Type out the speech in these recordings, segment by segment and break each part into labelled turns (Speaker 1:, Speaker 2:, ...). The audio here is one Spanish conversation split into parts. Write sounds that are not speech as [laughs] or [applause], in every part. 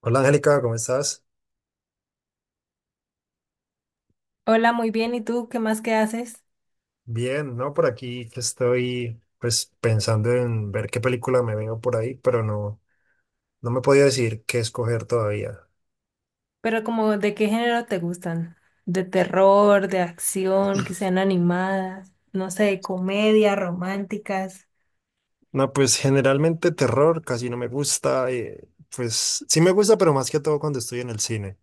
Speaker 1: Hola Angélica, ¿cómo estás?
Speaker 2: Hola, muy bien. ¿Y tú qué más que haces?
Speaker 1: Bien, no, por aquí que estoy pues pensando en ver qué película me veo por ahí, pero no, no me podía decir qué escoger todavía.
Speaker 2: Pero como, ¿de qué género te gustan? ¿De terror, de acción, que sean animadas? No sé, comedia, románticas.
Speaker 1: No, pues generalmente terror casi no me gusta, pues sí me gusta, pero más que todo cuando estoy en el cine.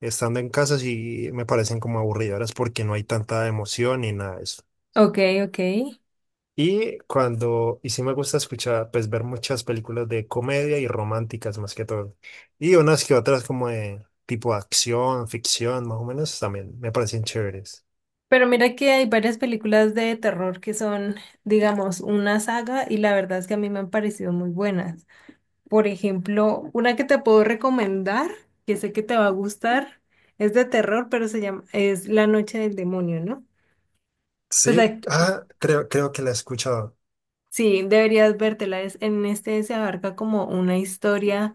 Speaker 1: Estando en casa sí me parecen como aburridoras porque no hay tanta emoción ni nada.
Speaker 2: Ok, ok.
Speaker 1: Y sí me gusta escuchar, pues ver muchas películas de comedia y románticas más que todo. Y unas que otras como de tipo acción, ficción, más o menos también me parecen chéveres.
Speaker 2: Pero mira que hay varias películas de terror que son, digamos, una saga y la verdad es que a mí me han parecido muy buenas. Por ejemplo, una que te puedo recomendar, que sé que te va a gustar, es de terror, pero se llama, es La Noche del Demonio, ¿no? Pues
Speaker 1: Sí,
Speaker 2: ac-
Speaker 1: ah, creo que la he escuchado.
Speaker 2: Sí, deberías vértela. En este se abarca como una historia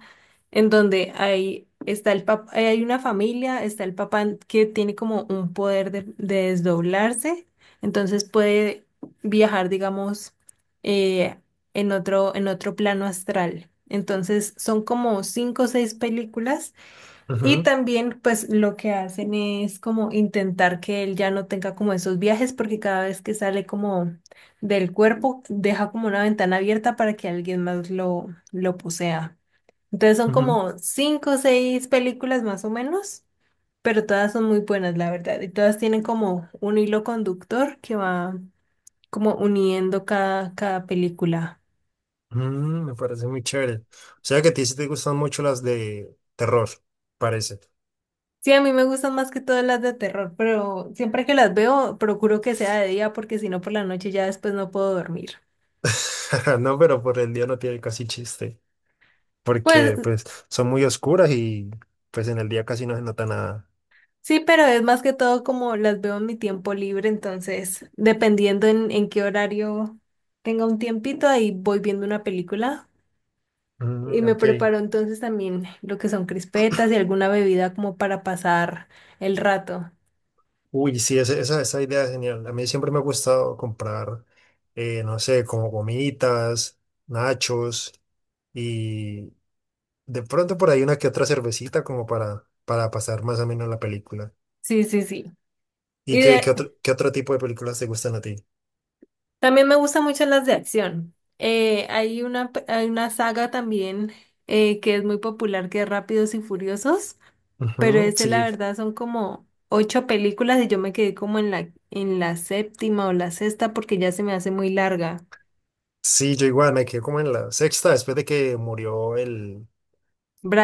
Speaker 2: en donde hay, hay una familia, está el papá que tiene como un poder de desdoblarse, entonces puede viajar, digamos, eh, en otro plano astral. Entonces son como cinco o seis películas y
Speaker 1: Ujú,
Speaker 2: también pues lo que hacen es como intentar que él ya no tenga como esos viajes porque cada vez que sale como del cuerpo deja como una ventana abierta para que alguien más lo posea. Entonces son
Speaker 1: ujú.
Speaker 2: como cinco o seis películas más o menos, pero todas son muy buenas la verdad y todas tienen como un hilo conductor que va como uniendo cada, cada película.
Speaker 1: Me parece muy chévere. O sea que a ti sí te gustan mucho las de terror, parece.
Speaker 2: Sí, a mí me gustan más que todas las de terror, pero siempre que las veo procuro que sea de día porque si no por la noche ya después no puedo dormir.
Speaker 1: [laughs] No, pero por el día no tiene casi chiste.
Speaker 2: Pues
Speaker 1: Porque pues son muy oscuras y pues en el día casi no se nota nada.
Speaker 2: sí, pero es más que todo como las veo en mi tiempo libre, entonces dependiendo en qué horario tenga un tiempito, ahí voy viendo una película y
Speaker 1: Mm,
Speaker 2: me
Speaker 1: ok.
Speaker 2: preparo entonces también lo que son crispetas y alguna bebida como para pasar el rato.
Speaker 1: Uy, sí, esa idea es genial. A mí siempre me ha gustado comprar, no sé, como gomitas, nachos y de pronto por ahí una que otra cervecita como para pasar más o menos la película.
Speaker 2: Sí, sí, sí.
Speaker 1: ¿Y
Speaker 2: Y
Speaker 1: qué,
Speaker 2: de,
Speaker 1: qué otro, qué otro tipo de películas te gustan a ti?
Speaker 2: También me gustan mucho las de acción. Hay una, hay una saga también que es muy popular, que es Rápidos y Furiosos, pero
Speaker 1: Ujú,
Speaker 2: ese la
Speaker 1: sí,
Speaker 2: verdad son como ocho películas y yo me quedé como en la séptima o la sexta porque ya se me hace muy larga.
Speaker 1: sí, yo igual me quedé como en la sexta después de que murió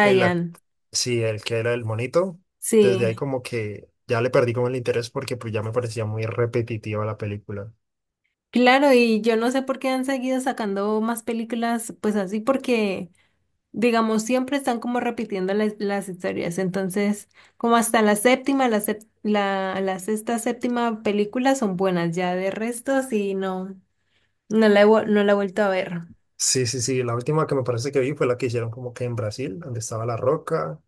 Speaker 1: el, ac- sí, el que era el monito. Desde ahí
Speaker 2: sí.
Speaker 1: como que ya le perdí como el interés porque pues ya me parecía muy repetitiva la película.
Speaker 2: Claro, y yo no sé por qué han seguido sacando más películas pues así porque digamos, siempre están como repitiendo las historias. Entonces, como hasta la séptima, la, la sexta, séptima película son buenas. Ya de resto, sí, no, no la he vuelto a ver.
Speaker 1: Sí, sí, sí. La última que me parece que vi fue la que hicieron como que en Brasil, donde estaba La Roca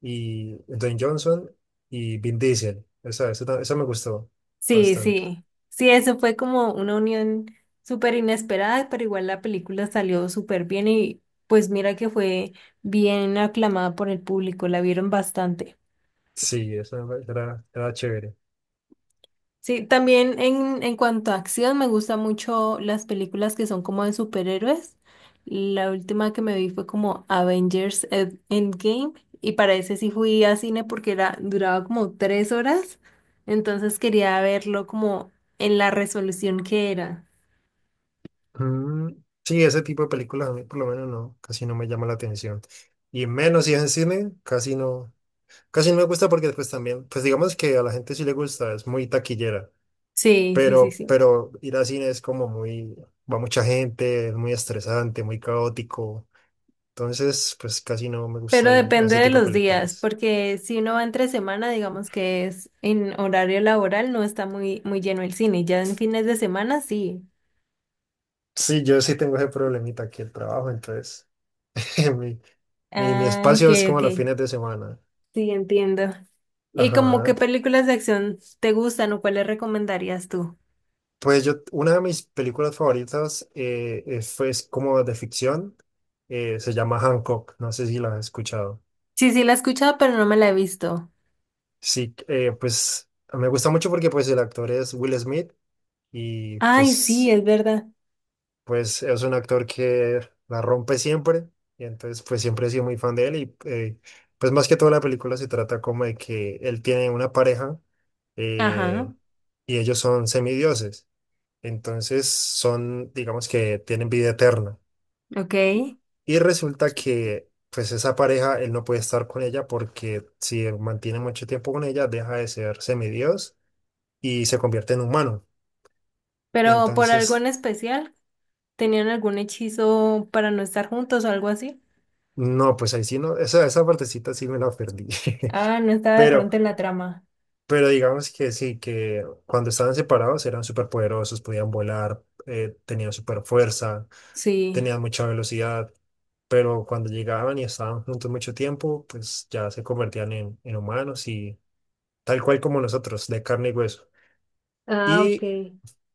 Speaker 1: y Dwayne Johnson y Vin Diesel. Esa me gustó
Speaker 2: Sí,
Speaker 1: bastante.
Speaker 2: sí. Sí, eso fue como una unión súper inesperada, pero igual la película salió súper bien y pues mira que fue bien aclamada por el público, la vieron bastante.
Speaker 1: Sí, esa era chévere.
Speaker 2: Sí, también en cuanto a acción, me gustan mucho las películas que son como de superhéroes. La última que me vi fue como Endgame y para ese sí fui a cine porque era, duraba como tres horas, entonces quería verlo como en la resolución que era.
Speaker 1: Mm, sí, ese tipo de películas a mí por lo menos no, casi no me llama la atención. Y menos si es en cine, casi no me gusta porque pues también, pues digamos que a la gente sí le gusta, es muy taquillera.
Speaker 2: Sí, sí, sí,
Speaker 1: Pero,
Speaker 2: sí.
Speaker 1: pero ir al cine es como muy, va mucha gente, es muy estresante, muy caótico. Entonces, pues casi no me
Speaker 2: Pero
Speaker 1: gusta ir a
Speaker 2: depende
Speaker 1: ese
Speaker 2: de
Speaker 1: tipo de
Speaker 2: los días,
Speaker 1: películas.
Speaker 2: porque si uno va entre semana, digamos que es en horario laboral, no está muy, muy lleno el cine. Ya en fines de semana, sí.
Speaker 1: Sí, yo sí tengo ese problemita aquí el trabajo, entonces [laughs] mi, mi
Speaker 2: Ah, ok,
Speaker 1: espacio es como
Speaker 2: ok.
Speaker 1: los fines de semana.
Speaker 2: Sí, entiendo. ¿Y como qué
Speaker 1: Ajá.
Speaker 2: películas de acción te gustan o cuáles recomendarías tú?
Speaker 1: Pues yo, una de mis películas favoritas es como de ficción, se llama Hancock, no sé si la has escuchado.
Speaker 2: Sí, sí, la he escuchado, pero no me la he visto.
Speaker 1: Sí, pues me gusta mucho porque pues el actor es Will Smith y
Speaker 2: Ay, sí,
Speaker 1: pues
Speaker 2: es verdad.
Speaker 1: pues es un actor que la rompe siempre y entonces pues siempre he sido muy fan de él y pues más que toda la película se trata como de que él tiene una pareja eh,
Speaker 2: Ajá,
Speaker 1: y ellos son semidioses, entonces son digamos que tienen vida eterna
Speaker 2: ok.
Speaker 1: y resulta que pues esa pareja él no puede estar con ella porque si él mantiene mucho tiempo con ella deja de ser semidios y se convierte en humano,
Speaker 2: Pero por algo
Speaker 1: entonces
Speaker 2: en especial, ¿tenían algún hechizo para no estar juntos o algo así?
Speaker 1: no, pues ahí sí no, esa partecita sí me la perdí.
Speaker 2: Ah, no
Speaker 1: [laughs]
Speaker 2: estaba de
Speaker 1: Pero,
Speaker 2: pronto en la trama.
Speaker 1: pero digamos que sí, que cuando estaban separados eran súper poderosos, podían volar, tenían súper fuerza,
Speaker 2: Sí.
Speaker 1: tenían mucha velocidad, pero cuando llegaban y estaban juntos mucho tiempo, pues ya se convertían en humanos y tal cual como nosotros, de carne y hueso.
Speaker 2: Ah, ok.
Speaker 1: Y,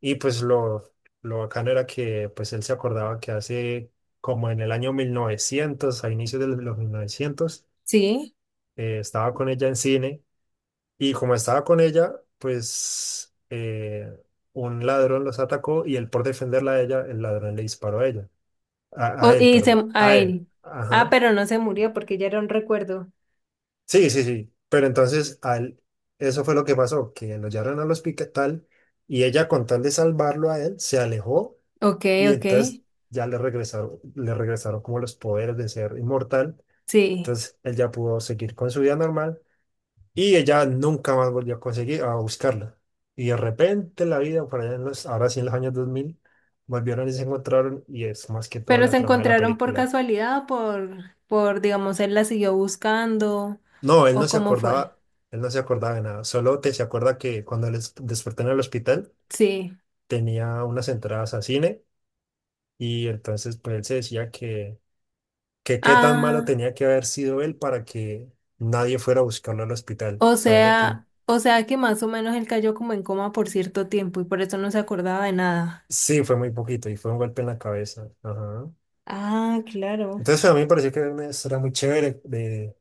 Speaker 1: y pues lo bacano era que pues él se acordaba que hace como en el año 1900 a inicios de los 1900,
Speaker 2: Sí.
Speaker 1: estaba con ella en cine. Y como estaba con ella, pues un ladrón los atacó y él por defenderla a ella, el ladrón le disparó a ella. A, a él,
Speaker 2: Y se,
Speaker 1: perdón.
Speaker 2: a
Speaker 1: A él.
Speaker 2: él. Ah,
Speaker 1: Ajá.
Speaker 2: pero no se murió porque ya era un recuerdo.
Speaker 1: Sí, sí, sí. Pero entonces a él, eso fue lo que pasó, que lo llevaron al hospital y ella con tal de salvarlo a él, se alejó
Speaker 2: Ok,
Speaker 1: y
Speaker 2: ok.
Speaker 1: entonces ya le regresaron como los poderes de ser inmortal.
Speaker 2: Sí.
Speaker 1: Entonces él ya pudo seguir con su vida normal. Y ella nunca más volvió a conseguir, a buscarla. Y de repente en la vida, por allá ahora sí en los años 2000, volvieron y se encontraron y es más que todo
Speaker 2: Pero
Speaker 1: la
Speaker 2: se
Speaker 1: trama de la
Speaker 2: encontraron por
Speaker 1: película.
Speaker 2: casualidad, o por, digamos, él la siguió buscando,
Speaker 1: No, él no
Speaker 2: o
Speaker 1: se
Speaker 2: cómo fue.
Speaker 1: acordaba, él no se acordaba de nada. Solo te se acuerda que cuando les despertó en el hospital
Speaker 2: Sí.
Speaker 1: tenía unas entradas a cine y entonces pues él se decía que, qué tan malo
Speaker 2: Ah,
Speaker 1: tenía que haber sido él para que nadie fuera a buscarlo al hospital, sabiendo que,
Speaker 2: o sea que más o menos él cayó como en coma por cierto tiempo y por eso no se acordaba de nada.
Speaker 1: sí, fue muy poquito y fue un golpe en la cabeza. Ajá.
Speaker 2: Ah, claro.
Speaker 1: Entonces a mí me pareció que era una historia muy chévere de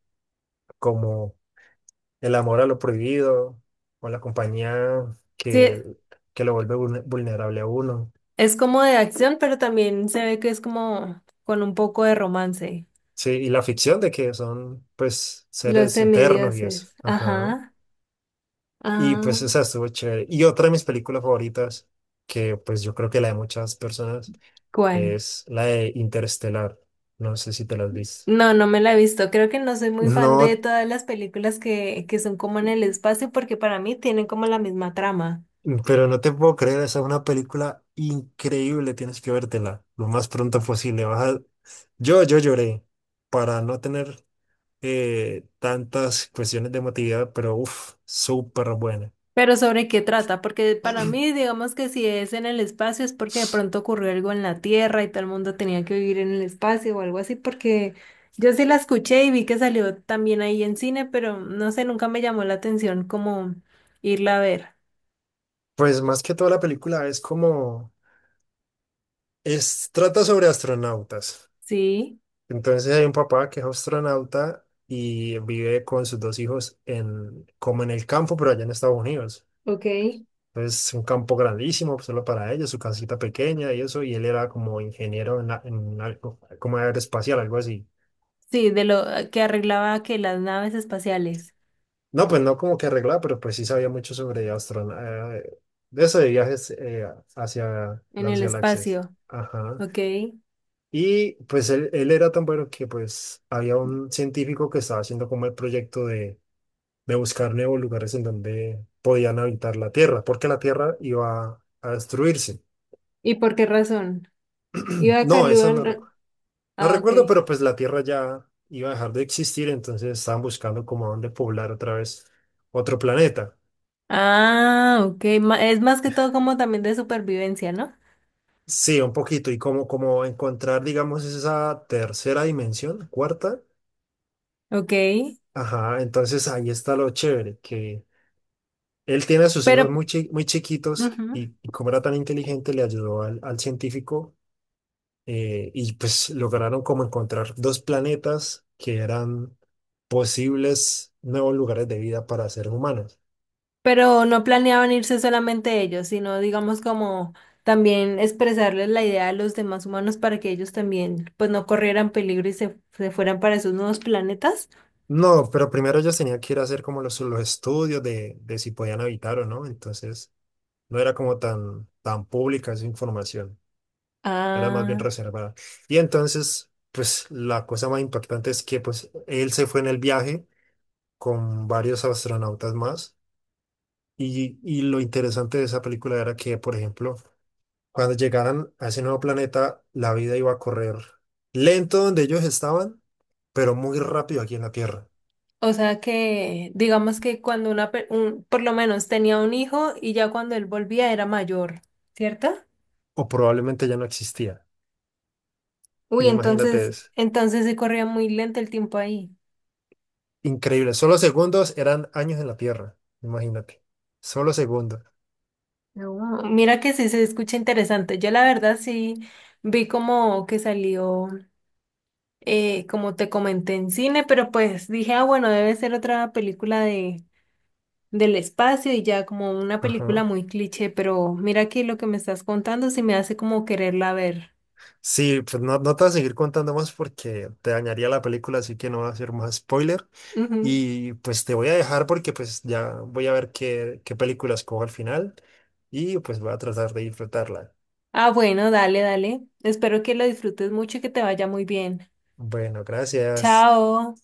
Speaker 1: como el amor a lo prohibido o la compañía
Speaker 2: Sí,
Speaker 1: que lo vuelve vulnerable a uno.
Speaker 2: es como de acción, pero también se ve que es como con un poco de romance.
Speaker 1: Sí, y la ficción de que son pues
Speaker 2: Los
Speaker 1: seres eternos y eso.
Speaker 2: semidioses.
Speaker 1: Ajá.
Speaker 2: Ajá.
Speaker 1: Y pues
Speaker 2: Ah,
Speaker 1: esa estuvo chévere. Y otra de mis películas favoritas, que pues yo creo que la de muchas personas,
Speaker 2: ¿cuál?
Speaker 1: es la de Interestelar. No sé si te la has visto.
Speaker 2: No, no me la he visto. Creo que no soy muy fan de
Speaker 1: No.
Speaker 2: todas las películas que son como en el espacio porque para mí tienen como la misma trama.
Speaker 1: Pero no te puedo creer, esa es una película increíble, tienes que vértela lo más pronto posible. Yo lloré para no tener tantas cuestiones de emotividad, pero uff, súper buena.
Speaker 2: Pero ¿sobre qué trata? Porque para mí, digamos que si es en el espacio es porque de pronto ocurrió algo en la Tierra y todo el mundo tenía que vivir en el espacio o algo así porque yo sí la escuché y vi que salió también ahí en cine, pero no sé, nunca me llamó la atención como irla a ver.
Speaker 1: Pues más que toda la película trata sobre astronautas.
Speaker 2: Sí,
Speaker 1: Entonces hay un papá que es astronauta y vive con sus dos hijos como en el campo, pero allá en Estados Unidos.
Speaker 2: ok.
Speaker 1: Pues un campo grandísimo pues, solo para ellos, su casita pequeña y eso, y él era como ingeniero en algo, como aeroespacial, algo así.
Speaker 2: Sí, de lo que arreglaba que las naves espaciales
Speaker 1: No, pues no como que arreglaba, pero pues sí sabía mucho sobre astronautas, de eso de viajes hacia
Speaker 2: en
Speaker 1: las
Speaker 2: el
Speaker 1: galaxias.
Speaker 2: espacio.
Speaker 1: Ajá.
Speaker 2: Ok.
Speaker 1: Y pues él era tan bueno que pues había un científico que estaba haciendo como el proyecto de, buscar nuevos lugares en donde podían habitar la Tierra, porque la Tierra iba a destruirse.
Speaker 2: ¿Y por qué razón? Iba a
Speaker 1: No, esa no.
Speaker 2: Carlibán.
Speaker 1: No
Speaker 2: Ah,
Speaker 1: recuerdo,
Speaker 2: ok.
Speaker 1: pero pues la Tierra ya iba a dejar de existir, entonces estaban buscando como a dónde poblar otra vez otro planeta.
Speaker 2: Ah, ok. Es más que todo como también de supervivencia, ¿no?
Speaker 1: Sí, un poquito, y como encontrar, digamos, esa tercera dimensión, cuarta.
Speaker 2: Ok.
Speaker 1: Ajá, entonces ahí está lo chévere, que él tiene a sus
Speaker 2: Pero,
Speaker 1: hijos muy chiquitos
Speaker 2: ujú,
Speaker 1: y como era tan inteligente, le ayudó al, científico y pues lograron como encontrar dos planetas que eran posibles nuevos lugares de vida para seres humanos.
Speaker 2: pero no planeaban irse solamente ellos, sino digamos como también expresarles la idea a los demás humanos para que ellos también pues no corrieran peligro y se fueran para esos nuevos planetas.
Speaker 1: No, pero primero ellos tenían que ir a hacer como los estudios de si podían habitar o no, entonces no era como tan, tan pública esa información, era más bien
Speaker 2: Ah,
Speaker 1: reservada. Y entonces, pues la cosa más importante es que pues él se fue en el viaje con varios astronautas más y lo interesante de esa película era que, por ejemplo, cuando llegaran a ese nuevo planeta, la vida iba a correr lento donde ellos estaban, pero muy rápido aquí en la Tierra,
Speaker 2: o sea que digamos que cuando una, pe- un- por lo menos tenía un hijo y ya cuando él volvía era mayor, ¿cierto?
Speaker 1: o probablemente ya no existía.
Speaker 2: Uy,
Speaker 1: Imagínate,
Speaker 2: entonces,
Speaker 1: es
Speaker 2: entonces se corría muy lento el tiempo ahí.
Speaker 1: increíble. Solo segundos eran años en la Tierra. Imagínate. Solo segundos.
Speaker 2: No, mira que sí se escucha interesante. Yo la verdad sí vi como que salió, como te comenté en cine, pero pues dije, ah, bueno, debe ser otra película de, del espacio y ya como una película
Speaker 1: Ajá.
Speaker 2: muy cliché, pero mira que lo que me estás contando sí me hace como quererla ver.
Speaker 1: Sí, pues no, no te voy a seguir contando más porque te dañaría la película, así que no voy a hacer más spoiler.
Speaker 2: Ujú.
Speaker 1: Y pues te voy a dejar porque pues ya voy a ver qué película escojo al final y pues voy a tratar de disfrutarla.
Speaker 2: Ah, bueno, dale, dale. Espero que lo disfrutes mucho y que te vaya muy bien.
Speaker 1: Bueno, gracias.
Speaker 2: Chao.